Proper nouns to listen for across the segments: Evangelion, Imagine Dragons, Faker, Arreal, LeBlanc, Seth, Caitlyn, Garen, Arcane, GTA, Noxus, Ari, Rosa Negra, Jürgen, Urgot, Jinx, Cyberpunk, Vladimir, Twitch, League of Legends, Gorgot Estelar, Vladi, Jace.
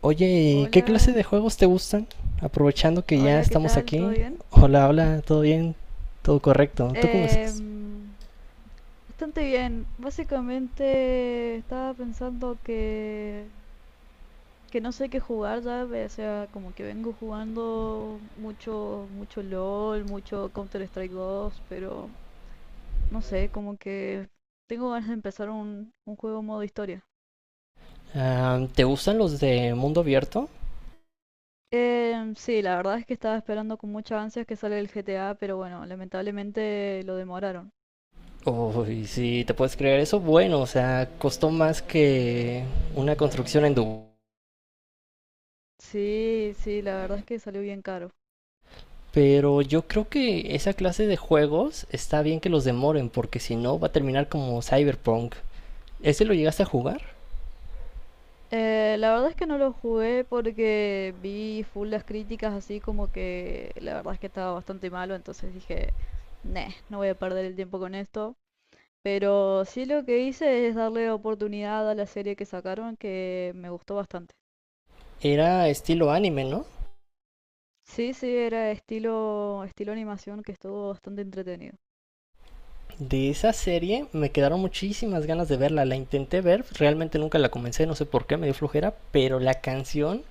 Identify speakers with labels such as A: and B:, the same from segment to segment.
A: Oye, ¿y qué clase de
B: Hola,
A: juegos te gustan? Aprovechando que ya
B: hola, ¿qué
A: estamos
B: tal? ¿Todo
A: aquí.
B: bien?
A: Hola, hola, ¿todo bien? ¿Todo correcto? ¿Tú cómo estás?
B: Em, bastante bien. Básicamente estaba pensando que no sé qué jugar ya, o sea, como que vengo jugando mucho, mucho LOL, mucho Counter-Strike 2, pero no sé, como que tengo ganas de empezar un juego modo historia.
A: Ah, ¿te gustan los de mundo abierto?
B: Sí, la verdad es que estaba esperando con muchas ansias que sale el GTA, pero bueno, lamentablemente lo demoraron.
A: Uy, si te puedes creer eso, bueno, o sea, costó más que una construcción en Dubái.
B: Sí, sí, la verdad es que salió bien caro.
A: Pero yo creo que esa clase de juegos está bien que los demoren, porque si no va a terminar como Cyberpunk. ¿Ese lo llegaste a jugar?
B: La verdad es que no lo jugué porque vi full las críticas así como que la verdad es que estaba bastante malo, entonces dije, "Neh, no voy a perder el tiempo con esto. Pero sí lo que hice es darle oportunidad a la serie que sacaron que me gustó bastante.
A: Era estilo anime, ¿no?
B: Sí, sí, era estilo animación que estuvo bastante entretenido.
A: De esa serie me quedaron muchísimas ganas de verla, la intenté ver, realmente nunca la comencé, no sé por qué, me dio flojera, pero la canción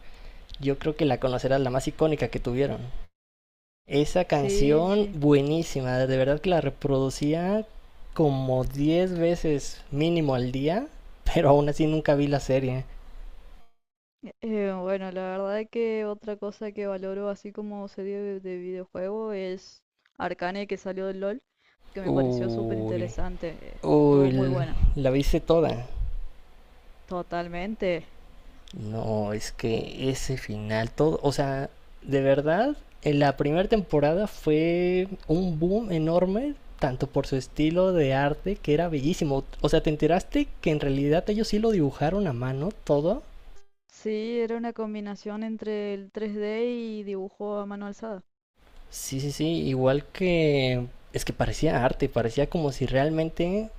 A: yo creo que la conocerás, la más icónica que tuvieron. Esa
B: Sí,
A: canción
B: sí.
A: buenísima, de verdad que la reproducía como 10 veces mínimo al día, pero aún así nunca vi la serie.
B: Bueno, la verdad que otra cosa que valoro así como serie de videojuego es Arcane que salió del LOL, que me pareció súper
A: Uy,
B: interesante. Estuvo muy
A: uy,
B: buena.
A: la viste toda.
B: Totalmente.
A: No, es que ese final, todo, o sea, de verdad, en la primera temporada fue un boom enorme, tanto por su estilo de arte, que era bellísimo. O sea, ¿te enteraste que en realidad ellos sí lo dibujaron a mano todo?
B: Sí, era una combinación entre el 3D y dibujo a mano alzada.
A: Sí, sí, sí, igual que... Es que parecía arte, parecía como si realmente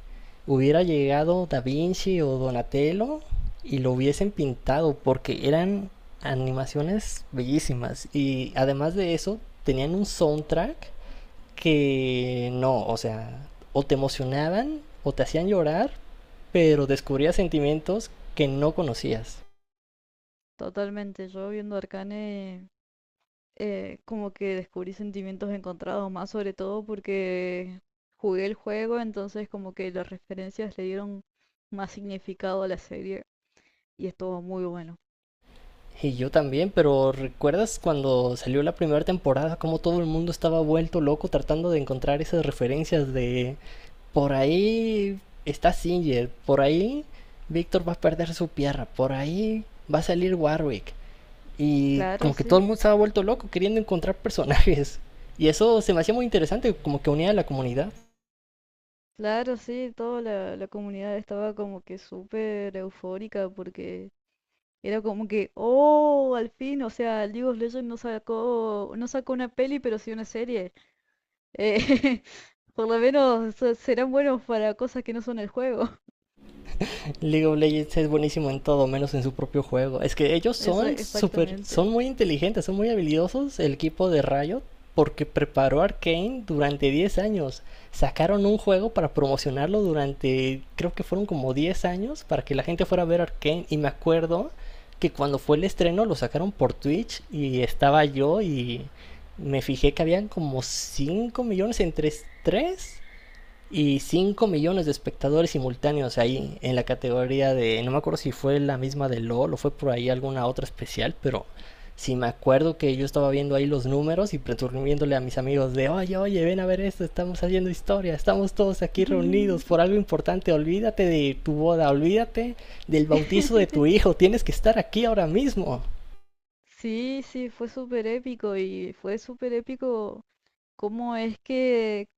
A: hubiera llegado Da Vinci o Donatello y lo hubiesen pintado porque eran animaciones bellísimas y además de eso tenían un soundtrack que no, o sea, o te emocionaban o te hacían llorar, pero descubrías sentimientos que no conocías.
B: Totalmente. Yo viendo Arcane como que descubrí sentimientos encontrados, más sobre todo porque jugué el juego, entonces como que las referencias le dieron más significado a la serie. Y estuvo muy bueno.
A: Y yo también, pero ¿recuerdas cuando salió la primera temporada cómo todo el mundo estaba vuelto loco tratando de encontrar esas referencias de... Por ahí está Singer, por ahí Víctor va a perder su pierna, por ahí va a salir Warwick. Y
B: Claro,
A: como que todo
B: sí,
A: el mundo se ha vuelto loco queriendo encontrar personajes. Y eso se me hacía muy interesante, como que unía a la comunidad.
B: claro, sí, toda la comunidad estaba como que súper eufórica porque era como que, oh, al fin, o sea, League of Legends no sacó una peli, pero sí una serie. Eh, por lo menos serán buenos para cosas que no son el juego.
A: League of Legends es buenísimo en todo, menos en su propio juego. Es que ellos
B: Eso,
A: son súper,
B: exactamente.
A: son muy inteligentes, son muy habilidosos el equipo de Riot porque preparó Arcane durante 10 años. Sacaron un juego para promocionarlo durante, creo que fueron como 10 años, para que la gente fuera a ver Arcane. Y me acuerdo que cuando fue el estreno lo sacaron por Twitch y estaba yo y me fijé que habían como 5 millones entre 3. Y 5 millones de espectadores simultáneos ahí en la categoría de, no me acuerdo si fue la misma de LOL o fue por ahí alguna otra especial, pero sí me acuerdo que yo estaba viendo ahí los números y preturbiéndole a mis amigos de, oye, oye, ven a ver esto, estamos haciendo historia, estamos todos aquí reunidos por algo importante, olvídate de tu boda, olvídate del bautizo de tu hijo, tienes que estar aquí ahora mismo.
B: Sí, sí, fue súper épico y fue súper épico cómo es que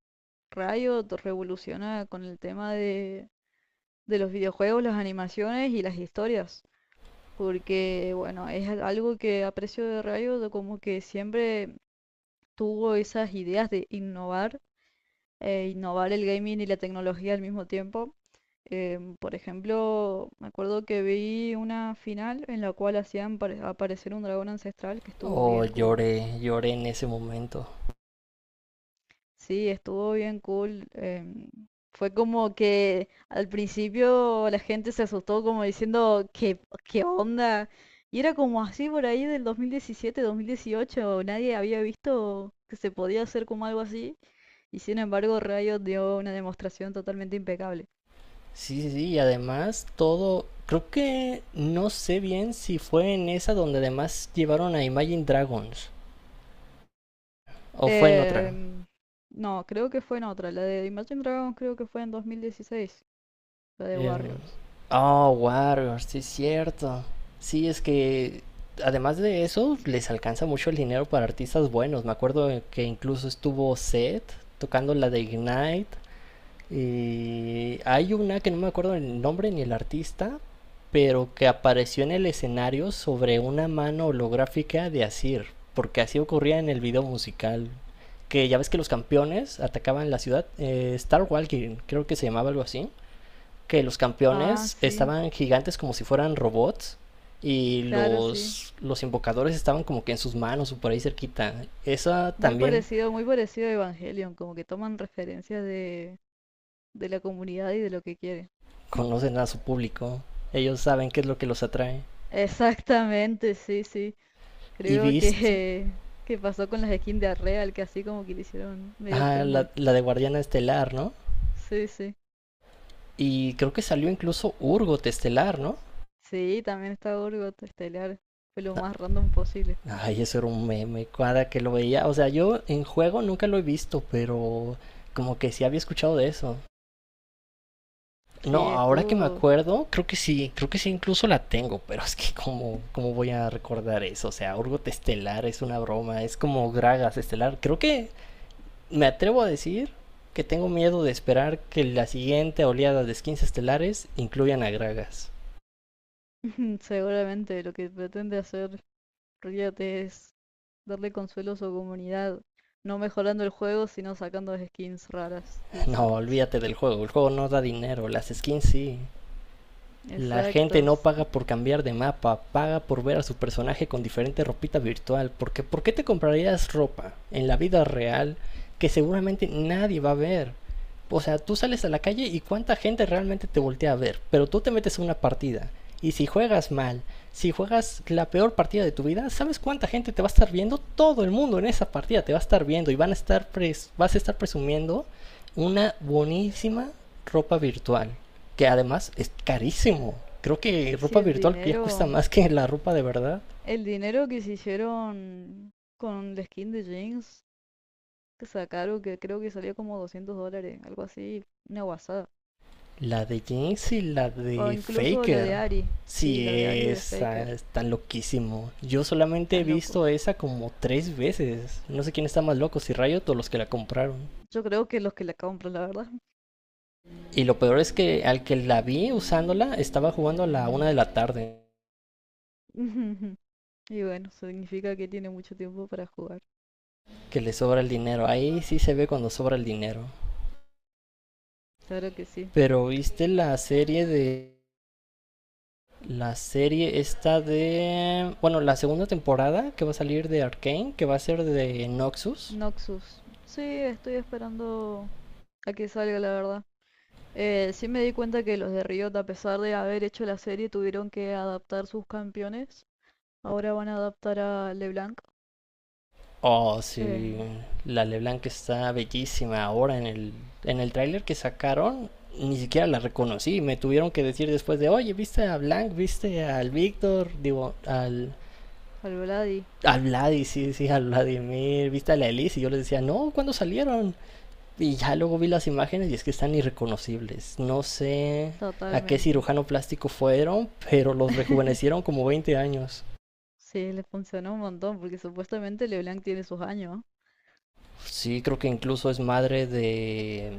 B: Riot revoluciona con el tema de los videojuegos, las animaciones y las historias, porque bueno, es algo que aprecio de Rayo, de como que siempre tuvo esas ideas de innovar, innovar el gaming y la tecnología al mismo tiempo. Por ejemplo, me acuerdo que vi una final en la cual hacían aparecer un dragón ancestral que estuvo
A: Oh,
B: bien cool.
A: lloré, lloré en ese momento.
B: Sí, estuvo bien cool. Fue como que al principio la gente se asustó como diciendo, ¿qué onda? Y era como así por ahí del 2017, 2018. Nadie había visto que se podía hacer como algo así. Y sin embargo, Riot dio una demostración totalmente impecable.
A: Sí, sí, sí, y además todo, creo que no sé bien si fue en esa donde además llevaron a Imagine Dragons o fue en otra.
B: Em, no, creo que fue en otra. La de Imagine Dragons creo que fue en 2016. La de
A: Eh,
B: Warriors.
A: oh, Warriors, sí es cierto. Sí, es que además de eso les alcanza mucho el dinero para artistas buenos. Me acuerdo que incluso estuvo Seth tocando la de Ignite. Y hay una que no me acuerdo el nombre ni el artista, pero que apareció en el escenario sobre una mano holográfica de Asir, porque así ocurría en el video musical. Que ya ves que los campeones atacaban la ciudad, Star Walking, creo que se llamaba algo así. Que los
B: Ah,
A: campeones
B: sí.
A: estaban gigantes como si fueran robots y
B: Claro, sí.
A: los invocadores estaban como que en sus manos o por ahí cerquita. Esa también
B: Muy parecido a Evangelion, como que toman referencias de la comunidad y de lo que quieren.
A: conocen a su público. Ellos saben qué es lo que los atrae.
B: Exactamente, sí, sí.
A: Y
B: Creo que,
A: Beast,
B: que pasó con las skins de Arreal, que así como que le hicieron medio
A: ah,
B: fanboy.
A: la de Guardiana Estelar, ¿no?
B: Sí, sí.
A: Y creo que salió incluso Urgot Estelar, ¿no?
B: Sí, también está Gorgot Estelar. Fue lo más random posible.
A: Ay, eso era un meme, cada que lo veía. O sea, yo en juego nunca lo he visto, pero como que sí había escuchado de eso. No,
B: Sí,
A: ahora que me
B: estuvo.
A: acuerdo, creo que sí incluso la tengo, pero es que como, cómo voy a recordar eso, o sea, Urgot Estelar es una broma, es como Gragas Estelar, creo que... Me atrevo a decir que tengo miedo de esperar que la siguiente oleada de skins estelares incluyan a Gragas.
B: Seguramente lo que pretende hacer Riot es darle consuelo a su comunidad, no mejorando el juego, sino sacando skins raras y
A: No,
B: bizarras.
A: olvídate del juego, el juego no da dinero, las skins sí. La gente
B: Exacto.
A: no paga por cambiar de mapa, paga por ver a su personaje con diferente ropita virtual, porque ¿por qué te comprarías ropa en la vida real que seguramente nadie va a ver? O sea, tú sales a la calle y cuánta gente realmente te voltea a ver, pero tú te metes a una partida. Y si juegas mal, si juegas la peor partida de tu vida, ¿sabes cuánta gente te va a estar viendo? Todo el mundo en esa partida te va a estar viendo y van a estar pres vas a estar presumiendo una buenísima ropa virtual, que además es carísimo. Creo que
B: Si
A: ropa
B: el
A: virtual ya cuesta
B: dinero,
A: más que la ropa de verdad.
B: el dinero que se hicieron con la skin de Jinx, que sacaron, que creo que salía como 200 dólares, algo así, una guasada.
A: La de James y la
B: O
A: de
B: incluso la
A: Faker.
B: de Ari, sí,
A: Sí,
B: la de Ari de
A: esa
B: Faker,
A: está loquísimo. Yo solamente he
B: tan
A: visto
B: locos.
A: esa como tres veces. No sé quién está más loco, si Riot o los que la compraron.
B: Yo creo que los que la compran, la verdad.
A: Y lo peor es que al que la vi usándola estaba jugando a la 1 de la tarde.
B: Y bueno, significa que tiene mucho tiempo para jugar.
A: Que le sobra el dinero. Ahí sí se ve cuando sobra el dinero.
B: Claro que sí.
A: Pero viste la serie de... La serie esta de... Bueno, la segunda temporada que va a salir de Arcane, que va a ser de Noxus.
B: Noxus. Sí, estoy esperando a que salga, la verdad. Sí me di cuenta que los de Riot, a pesar de haber hecho la serie, tuvieron que adaptar sus campeones. Ahora van a adaptar a LeBlanc,
A: Oh,
B: eh,
A: sí. La LeBlanc está bellísima ahora en el tráiler que sacaron. Ni siquiera la reconocí. Me tuvieron que decir después de, oye, ¿viste a Blanc? ¿Viste al Víctor? Digo, al,
B: al Vladi,
A: al Vladi, sí, sí, al Vladimir. ¿Viste a la Elise? Y yo les decía, no, ¿cuándo salieron? Y ya luego vi las imágenes y es que están irreconocibles. No sé a qué
B: totalmente.
A: cirujano plástico fueron, pero los rejuvenecieron como 20 años.
B: Sí, les funcionó un montón porque supuestamente LeBlanc tiene sus años.
A: Sí, creo que incluso es madre de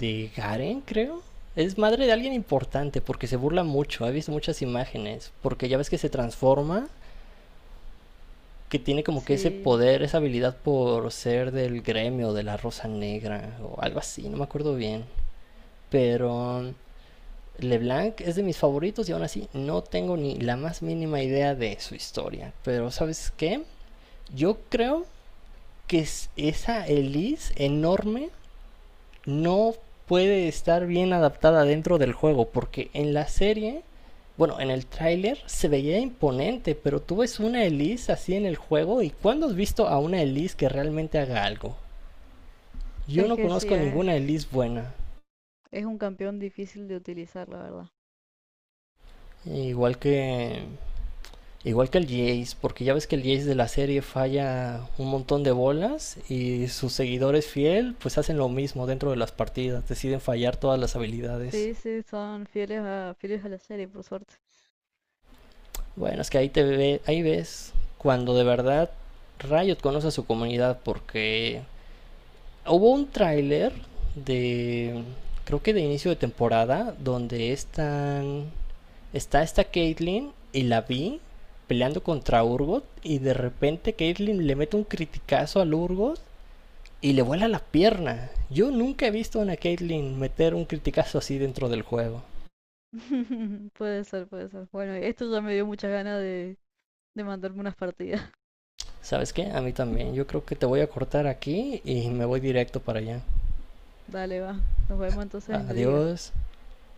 A: Garen, creo. Es madre de alguien importante porque se burla mucho. He visto muchas imágenes. Porque ya ves que se transforma, que tiene como que ese
B: Sí,
A: poder, esa habilidad por ser del gremio de la Rosa Negra o algo así, no me acuerdo bien. Pero LeBlanc es de mis favoritos y aún así no tengo ni la más mínima idea de su historia. Pero ¿sabes qué? Yo creo que esa Elise enorme no puede estar bien adaptada dentro del juego, porque en la serie, bueno, en el tráiler se veía imponente, pero tú ves una Elise así en el juego y ¿cuándo has visto a una Elise que realmente haga algo? Yo
B: es
A: no
B: que sí,
A: conozco
B: es,
A: ninguna Elise buena,
B: es un campeón difícil de utilizar, la verdad.
A: igual que el Jace, porque ya ves que el Jace de la serie falla un montón de bolas y sus seguidores fiel pues hacen lo mismo dentro de las partidas, deciden fallar todas las habilidades.
B: Sí, sí, son fieles a, fieles a la serie, por suerte.
A: Bueno, es que ahí te ve, ahí ves cuando de verdad Riot conoce a su comunidad porque hubo un tráiler de creo que de inicio de temporada donde están está esta Caitlyn y la vi peleando contra Urgot y de repente Caitlyn le mete un criticazo al Urgot y le vuela la pierna. Yo nunca he visto a una Caitlyn meter un criticazo así dentro del juego.
B: Puede ser, puede ser. Bueno, esto ya me dio muchas ganas de mandarme unas partidas.
A: ¿Sabes qué? A mí también. Yo creo que te voy a cortar aquí y me voy directo para allá.
B: Dale, va. Nos vemos entonces en la liga.
A: Adiós.